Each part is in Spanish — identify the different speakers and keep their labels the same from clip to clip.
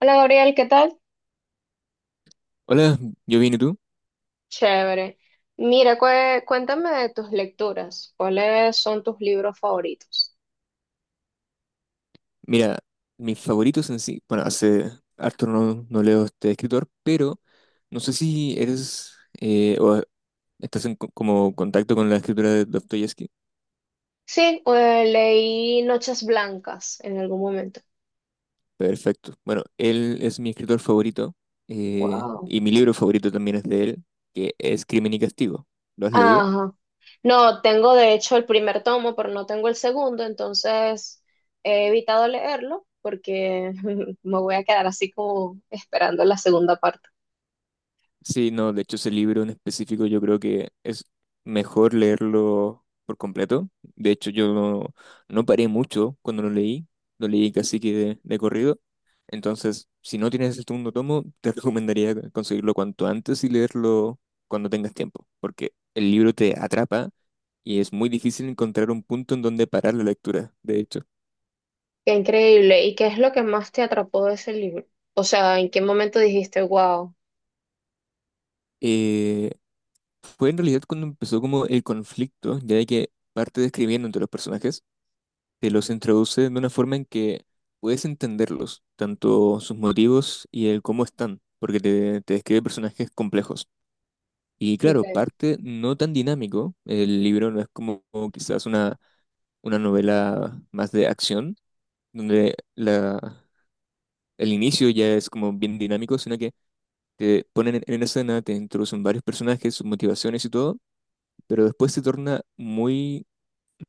Speaker 1: Hola Gabriel, ¿qué tal?
Speaker 2: Hola, yo vine tú.
Speaker 1: Chévere. Mira, cuéntame de tus lecturas. ¿Cuáles son tus libros favoritos?
Speaker 2: Mira, mis favoritos en sí, bueno, hace harto no, no leo este escritor, pero no sé si eres o estás como contacto con la escritura de Dostoyevsky.
Speaker 1: Sí, leí Noches Blancas en algún momento.
Speaker 2: Perfecto. Bueno, él es mi escritor favorito
Speaker 1: Wow.
Speaker 2: y mi libro favorito también es de él, que es Crimen y Castigo. ¿Lo has leído?
Speaker 1: Ajá. No, tengo de hecho el primer tomo, pero no tengo el segundo, entonces he evitado leerlo porque me voy a quedar así como esperando la segunda parte.
Speaker 2: Sí, no, de hecho ese libro en específico yo creo que es mejor leerlo por completo. De hecho yo no, no paré mucho cuando lo leí casi que de corrido. Entonces, si no tienes el segundo tomo, te recomendaría conseguirlo cuanto antes y leerlo cuando tengas tiempo, porque el libro te atrapa y es muy difícil encontrar un punto en donde parar la lectura, de hecho.
Speaker 1: Qué increíble. ¿Y qué es lo que más te atrapó de ese libro? O sea, ¿en qué momento dijiste, wow?
Speaker 2: Eh, fue en realidad cuando empezó como el conflicto, ya de que parte describiendo entre los personajes. Te los introduce de una forma en que puedes entenderlos, tanto sus motivos y el cómo están, porque te describe personajes complejos. Y claro, parte no tan dinámico, el libro no es como quizás una novela más de acción, donde el inicio ya es como bien dinámico, sino que te ponen en escena, te introducen varios personajes, sus motivaciones y todo, pero después se torna muy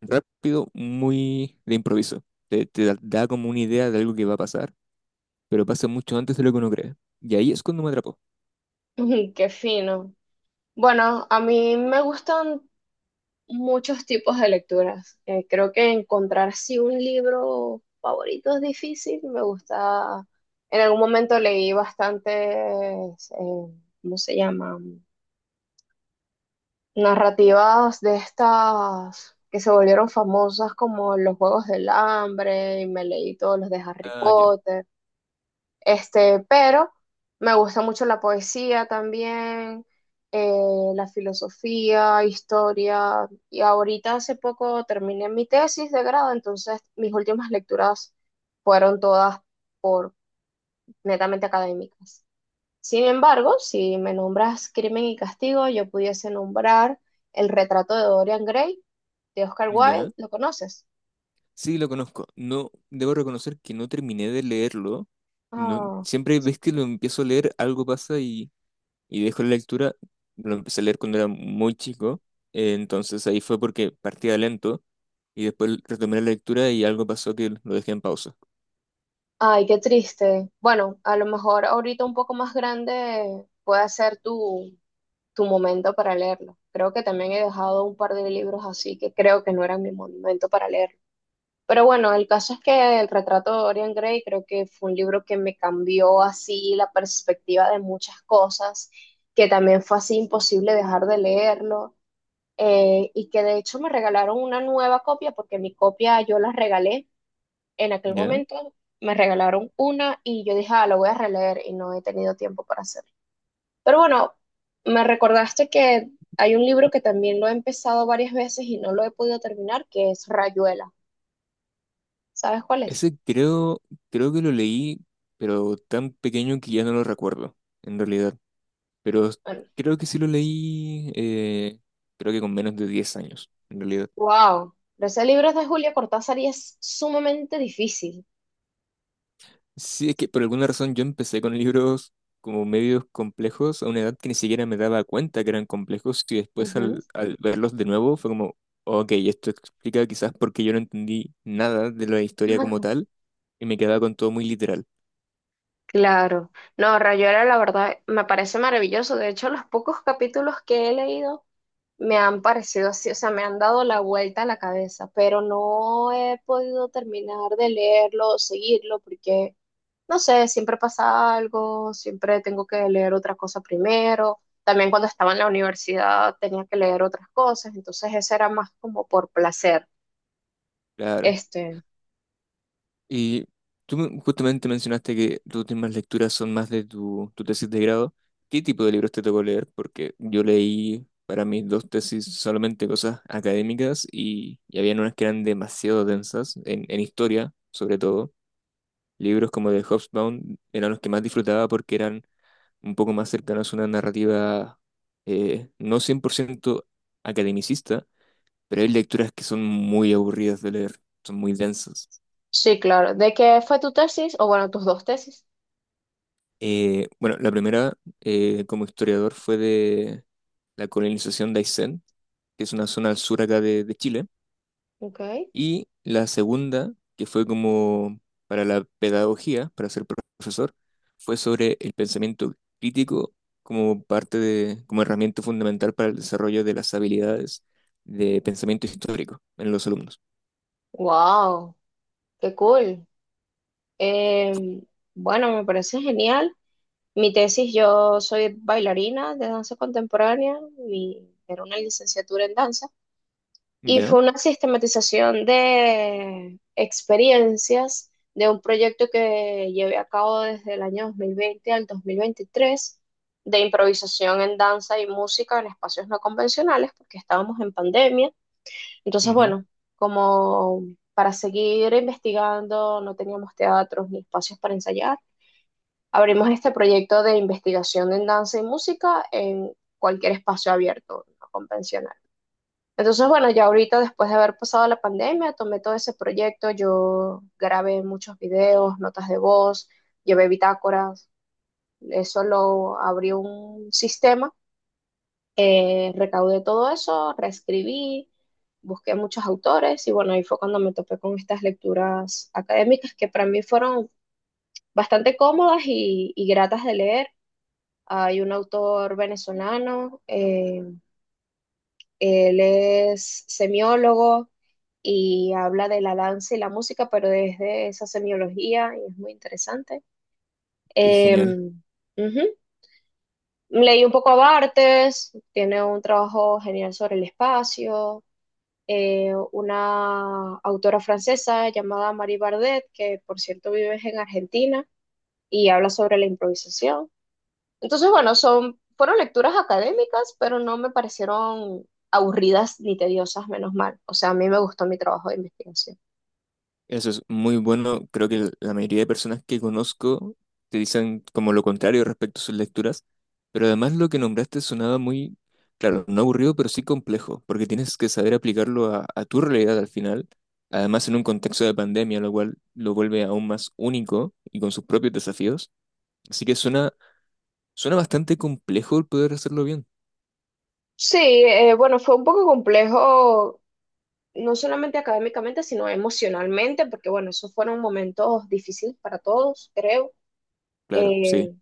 Speaker 2: rápido, muy de improviso. Te da como una idea de algo que va a pasar pero pasa mucho antes de lo que uno cree. Y ahí es cuando me atrapó.
Speaker 1: Ujú, qué fino. Bueno, a mí me gustan muchos tipos de lecturas. Creo que encontrar sí un libro favorito es difícil. Me gusta. En algún momento leí bastantes, eh, ¿cómo se llaman? Narrativas de estas que se volvieron famosas como Los Juegos del Hambre y me leí todos los de Harry
Speaker 2: Ah, ya,
Speaker 1: Potter. Pero me gusta mucho la poesía también, la filosofía, historia. Y ahorita hace poco terminé mi tesis de grado, entonces mis últimas lecturas fueron todas por netamente académicas. Sin embargo, si me nombras Crimen y Castigo, yo pudiese nombrar El retrato de Dorian Gray de Oscar Wilde.
Speaker 2: ya.
Speaker 1: ¿Lo conoces?
Speaker 2: Sí, lo conozco. No, debo reconocer que no terminé de leerlo. No,
Speaker 1: Ah.
Speaker 2: siempre ves que lo empiezo a leer, algo pasa y dejo la lectura. Lo empecé a leer cuando era muy chico. Entonces ahí fue porque partía lento y después retomé la lectura y algo pasó que lo dejé en pausa.
Speaker 1: Ay, qué triste. Bueno, a lo mejor ahorita un poco más grande puede ser tu, tu momento para leerlo. Creo que también he dejado un par de libros así que creo que no eran mi momento para leerlo. Pero bueno, el caso es que El retrato de Dorian Gray creo que fue un libro que me cambió así la perspectiva de muchas cosas, que también fue así imposible dejar de leerlo, y que de hecho me regalaron una nueva copia porque mi copia yo la regalé en aquel
Speaker 2: ¿Ya?
Speaker 1: momento, me regalaron una y yo dije, ah, lo voy a releer y no he tenido tiempo para hacerlo. Pero bueno, me recordaste que hay un libro que también lo he empezado varias veces y no lo he podido terminar, que es Rayuela. ¿Sabes cuál es?
Speaker 2: Ese creo que lo leí, pero tan pequeño que ya no lo recuerdo, en realidad. Pero
Speaker 1: Bueno,
Speaker 2: creo que sí lo leí, creo que con menos de 10 años, en realidad.
Speaker 1: wow. Pero ese libro es de Julia Cortázar y es sumamente difícil.
Speaker 2: Sí, es que por alguna razón yo empecé con libros como medios complejos a una edad que ni siquiera me daba cuenta que eran complejos y después
Speaker 1: Ujú.
Speaker 2: al verlos de nuevo fue como, ok, esto explica quizás por qué yo no entendí nada de la historia como tal y me quedaba con todo muy literal,
Speaker 1: Claro, no, Rayuela, la verdad me parece maravilloso. De hecho, los pocos capítulos que he leído me han parecido así, o sea, me han dado la vuelta a la cabeza, pero no he podido terminar de leerlo o seguirlo porque, no sé, siempre pasa algo, siempre tengo que leer otra cosa primero. También cuando estaba en la universidad tenía que leer otras cosas, entonces eso era más como por placer.
Speaker 2: claro.
Speaker 1: Este,
Speaker 2: Y justamente mencionaste que tus últimas lecturas son más de tu tesis de grado. ¿Qué tipo de libros te tocó leer? Porque yo leí para mis dos tesis solamente cosas académicas y habían unas que eran demasiado densas, en historia sobre todo. Libros como de Hobsbawm eran los que más disfrutaba porque eran un poco más cercanos a una narrativa no 100% academicista, pero hay lecturas que son muy aburridas de leer, son muy densas.
Speaker 1: sí, claro. ¿De qué fue tu tesis? O bueno, tus dos tesis.
Speaker 2: Bueno, la primera como historiador fue de la colonización de Aysén, que es una zona al sur acá de Chile,
Speaker 1: Ok.
Speaker 2: y la segunda, que fue como para la pedagogía, para ser profesor, fue sobre el pensamiento crítico como parte de, como herramienta fundamental para el desarrollo de las habilidades de pensamiento histórico en los alumnos.
Speaker 1: Wow. Qué cool. Eh, bueno, me parece genial. Mi tesis, yo soy bailarina de danza contemporánea, era una licenciatura en danza, y
Speaker 2: ¿Ya?
Speaker 1: fue una sistematización de experiencias de un proyecto que llevé a cabo desde el año 2020 al 2023 de improvisación en danza y música en espacios no convencionales, porque estábamos en pandemia, entonces,
Speaker 2: Ujú,
Speaker 1: bueno, como para seguir investigando, no teníamos teatros ni espacios para ensayar, abrimos este proyecto de investigación en danza y música en cualquier espacio abierto, no convencional. Entonces, bueno, ya ahorita después de haber pasado la pandemia, tomé todo ese proyecto, yo grabé muchos videos, notas de voz, llevé bitácoras, eso lo abrió un sistema, recaudé todo eso, reescribí, busqué muchos autores y bueno, ahí fue cuando me topé con estas lecturas académicas que para mí fueron bastante cómodas y gratas de leer. Hay un autor venezolano, él es semiólogo y habla de la danza y la música, pero desde esa semiología y es muy interesante.
Speaker 2: qué genial.
Speaker 1: Em, ujú. Leí un poco a Bartes, tiene un trabajo genial sobre el espacio, una autora francesa llamada Marie Bardet, que por cierto vive en Argentina y habla sobre la improvisación. Entonces, bueno, fueron lecturas académicas, pero no me parecieron aburridas ni tediosas, menos mal. O sea, a mí me gustó mi trabajo de investigación.
Speaker 2: Eso es muy bueno. Creo que la mayoría de personas que conozco te dicen como lo contrario respecto a sus lecturas, pero además lo que nombraste sonaba muy, claro, no aburrido, pero sí complejo, porque tienes que saber aplicarlo a tu realidad al final, además en un contexto de pandemia, lo cual lo vuelve aún más único y con sus propios desafíos. Así que suena, suena bastante complejo el poder hacerlo bien.
Speaker 1: Sí, bueno, fue un poco complejo, no solamente académicamente, sino emocionalmente, porque bueno, esos fueron momentos difíciles para todos, creo.
Speaker 2: Claro, sí,
Speaker 1: Eh,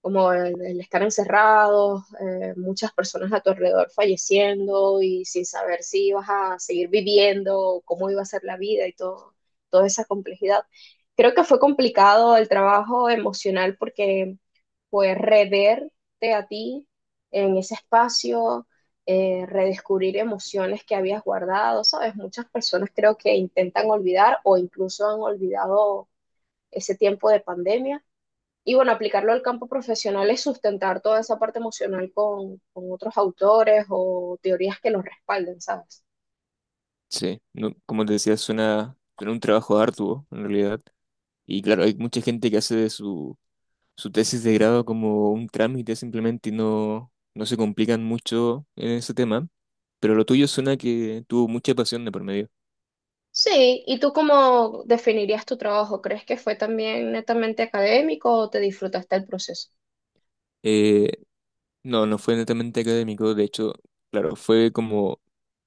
Speaker 1: como el estar encerrados, muchas personas a tu alrededor falleciendo y sin saber si ibas a seguir viviendo, cómo iba a ser la vida y todo, toda esa complejidad. Creo que fue complicado el trabajo emocional porque fue reverte a ti en ese espacio, redescubrir emociones que habías guardado, ¿sabes? Muchas personas creo que intentan olvidar o incluso han olvidado ese tiempo de pandemia y bueno, aplicarlo al campo profesional es sustentar toda esa parte emocional con otros autores o teorías que los respalden, ¿sabes?
Speaker 2: sí. No, como te decía, suena, suena un trabajo arduo en realidad. Y claro, hay mucha gente que hace de su tesis de grado como un trámite simplemente y no, no se complican mucho en ese tema, pero lo tuyo suena que tuvo mucha pasión de por medio.
Speaker 1: Sí, ¿y tú cómo definirías tu trabajo? ¿Crees que fue también netamente académico o te disfrutaste el proceso?
Speaker 2: Eh, no, no fue netamente académico, de hecho, claro, fue como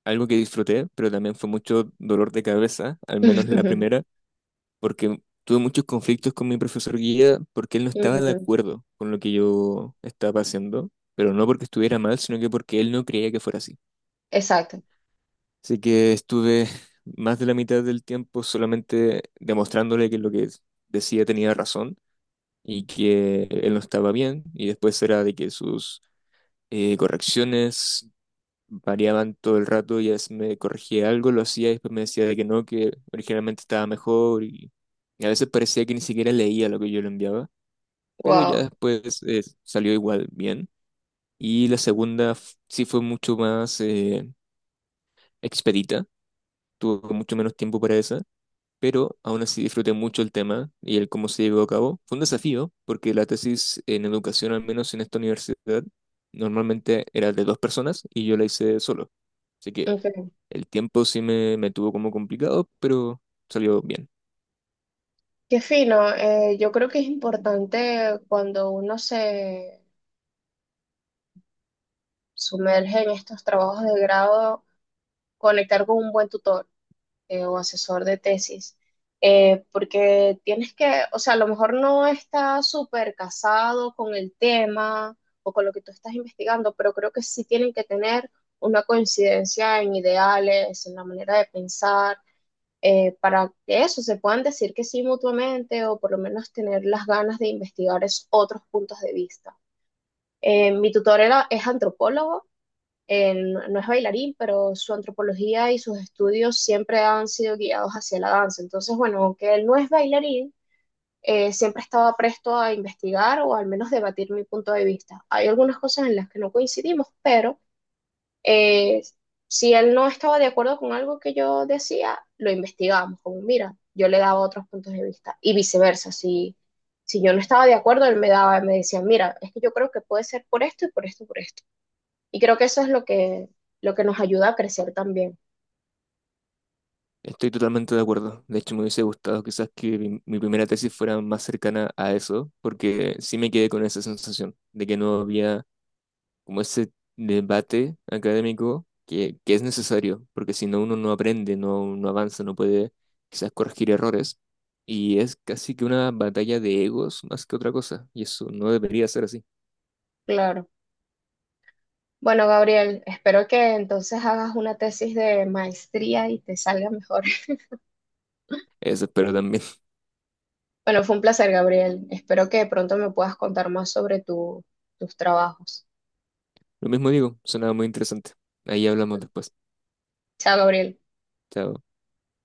Speaker 2: algo que disfruté, pero también fue mucho dolor de cabeza, al menos la primera, porque tuve muchos conflictos con mi profesor guía porque él no estaba de
Speaker 1: Mm,
Speaker 2: acuerdo con lo que yo estaba haciendo, pero no porque estuviera mal, sino que porque él no creía que fuera así.
Speaker 1: exacto,
Speaker 2: Así que estuve más de la mitad del tiempo solamente demostrándole que lo que decía tenía razón y que él no estaba bien. Y después era de que sus correcciones variaban todo el rato y a veces me corregía algo, lo hacía y después me decía de que no, que originalmente estaba mejor. Y a veces parecía que ni siquiera leía lo que yo le enviaba, pero ya
Speaker 1: wow.
Speaker 2: después salió igual bien. Y la segunda sí fue mucho más expedita, tuvo mucho menos tiempo para esa pero aún así disfruté mucho el tema y el cómo se llevó a cabo. Fue un desafío, porque la tesis en educación, al menos en esta universidad, normalmente era de dos personas y yo la hice solo. Así que
Speaker 1: Ok.
Speaker 2: el tiempo sí me tuvo como complicado, pero salió bien.
Speaker 1: Qué fino. Yo creo que es importante cuando uno se sumerge en estos trabajos de grado conectar con un buen tutor, o asesor de tesis, porque tienes que, o sea, a lo mejor no está súper casado con el tema o con lo que tú estás investigando, pero creo que sí tienen que tener una coincidencia en ideales, en la manera de pensar, para que eso se puedan decir que sí mutuamente o por lo menos tener las ganas de investigar esos otros puntos de vista. Mi tutor es antropólogo no es bailarín, pero su antropología y sus estudios siempre han sido guiados hacia la danza. Entonces, bueno, aunque él no es bailarín, siempre estaba presto a investigar o al menos debatir mi punto de vista. Hay algunas cosas en las que no coincidimos, pero eh, si él no estaba de acuerdo con algo que yo decía, lo investigábamos, como mira, yo le daba otros puntos de vista y viceversa, si... Si yo no estaba de acuerdo, él me daba, me decía, mira, es que yo creo que puede ser por esto y por esto, por esto. Y creo que eso es lo que nos ayuda a crecer también,
Speaker 2: Estoy totalmente de acuerdo. De hecho, me hubiese gustado quizás que mi primera tesis fuera más cercana a eso, porque sí me quedé con esa sensación de que no había como ese debate académico que es necesario, porque si no uno no aprende, no, no avanza, no puede quizás corregir errores. Y es casi que una batalla de egos más que otra cosa, y eso no debería ser así.
Speaker 1: claro. Bueno, Gabriel, espero que entonces hagas una tesis de maestría y te salga mejor.
Speaker 2: Eso espero también.
Speaker 1: Bueno, fue un placer, Gabriel. Espero que pronto me puedas contar más sobre tus trabajos.
Speaker 2: Lo mismo digo, sonaba muy interesante. Ahí hablamos después.
Speaker 1: Chao, Gabriel.
Speaker 2: Chao.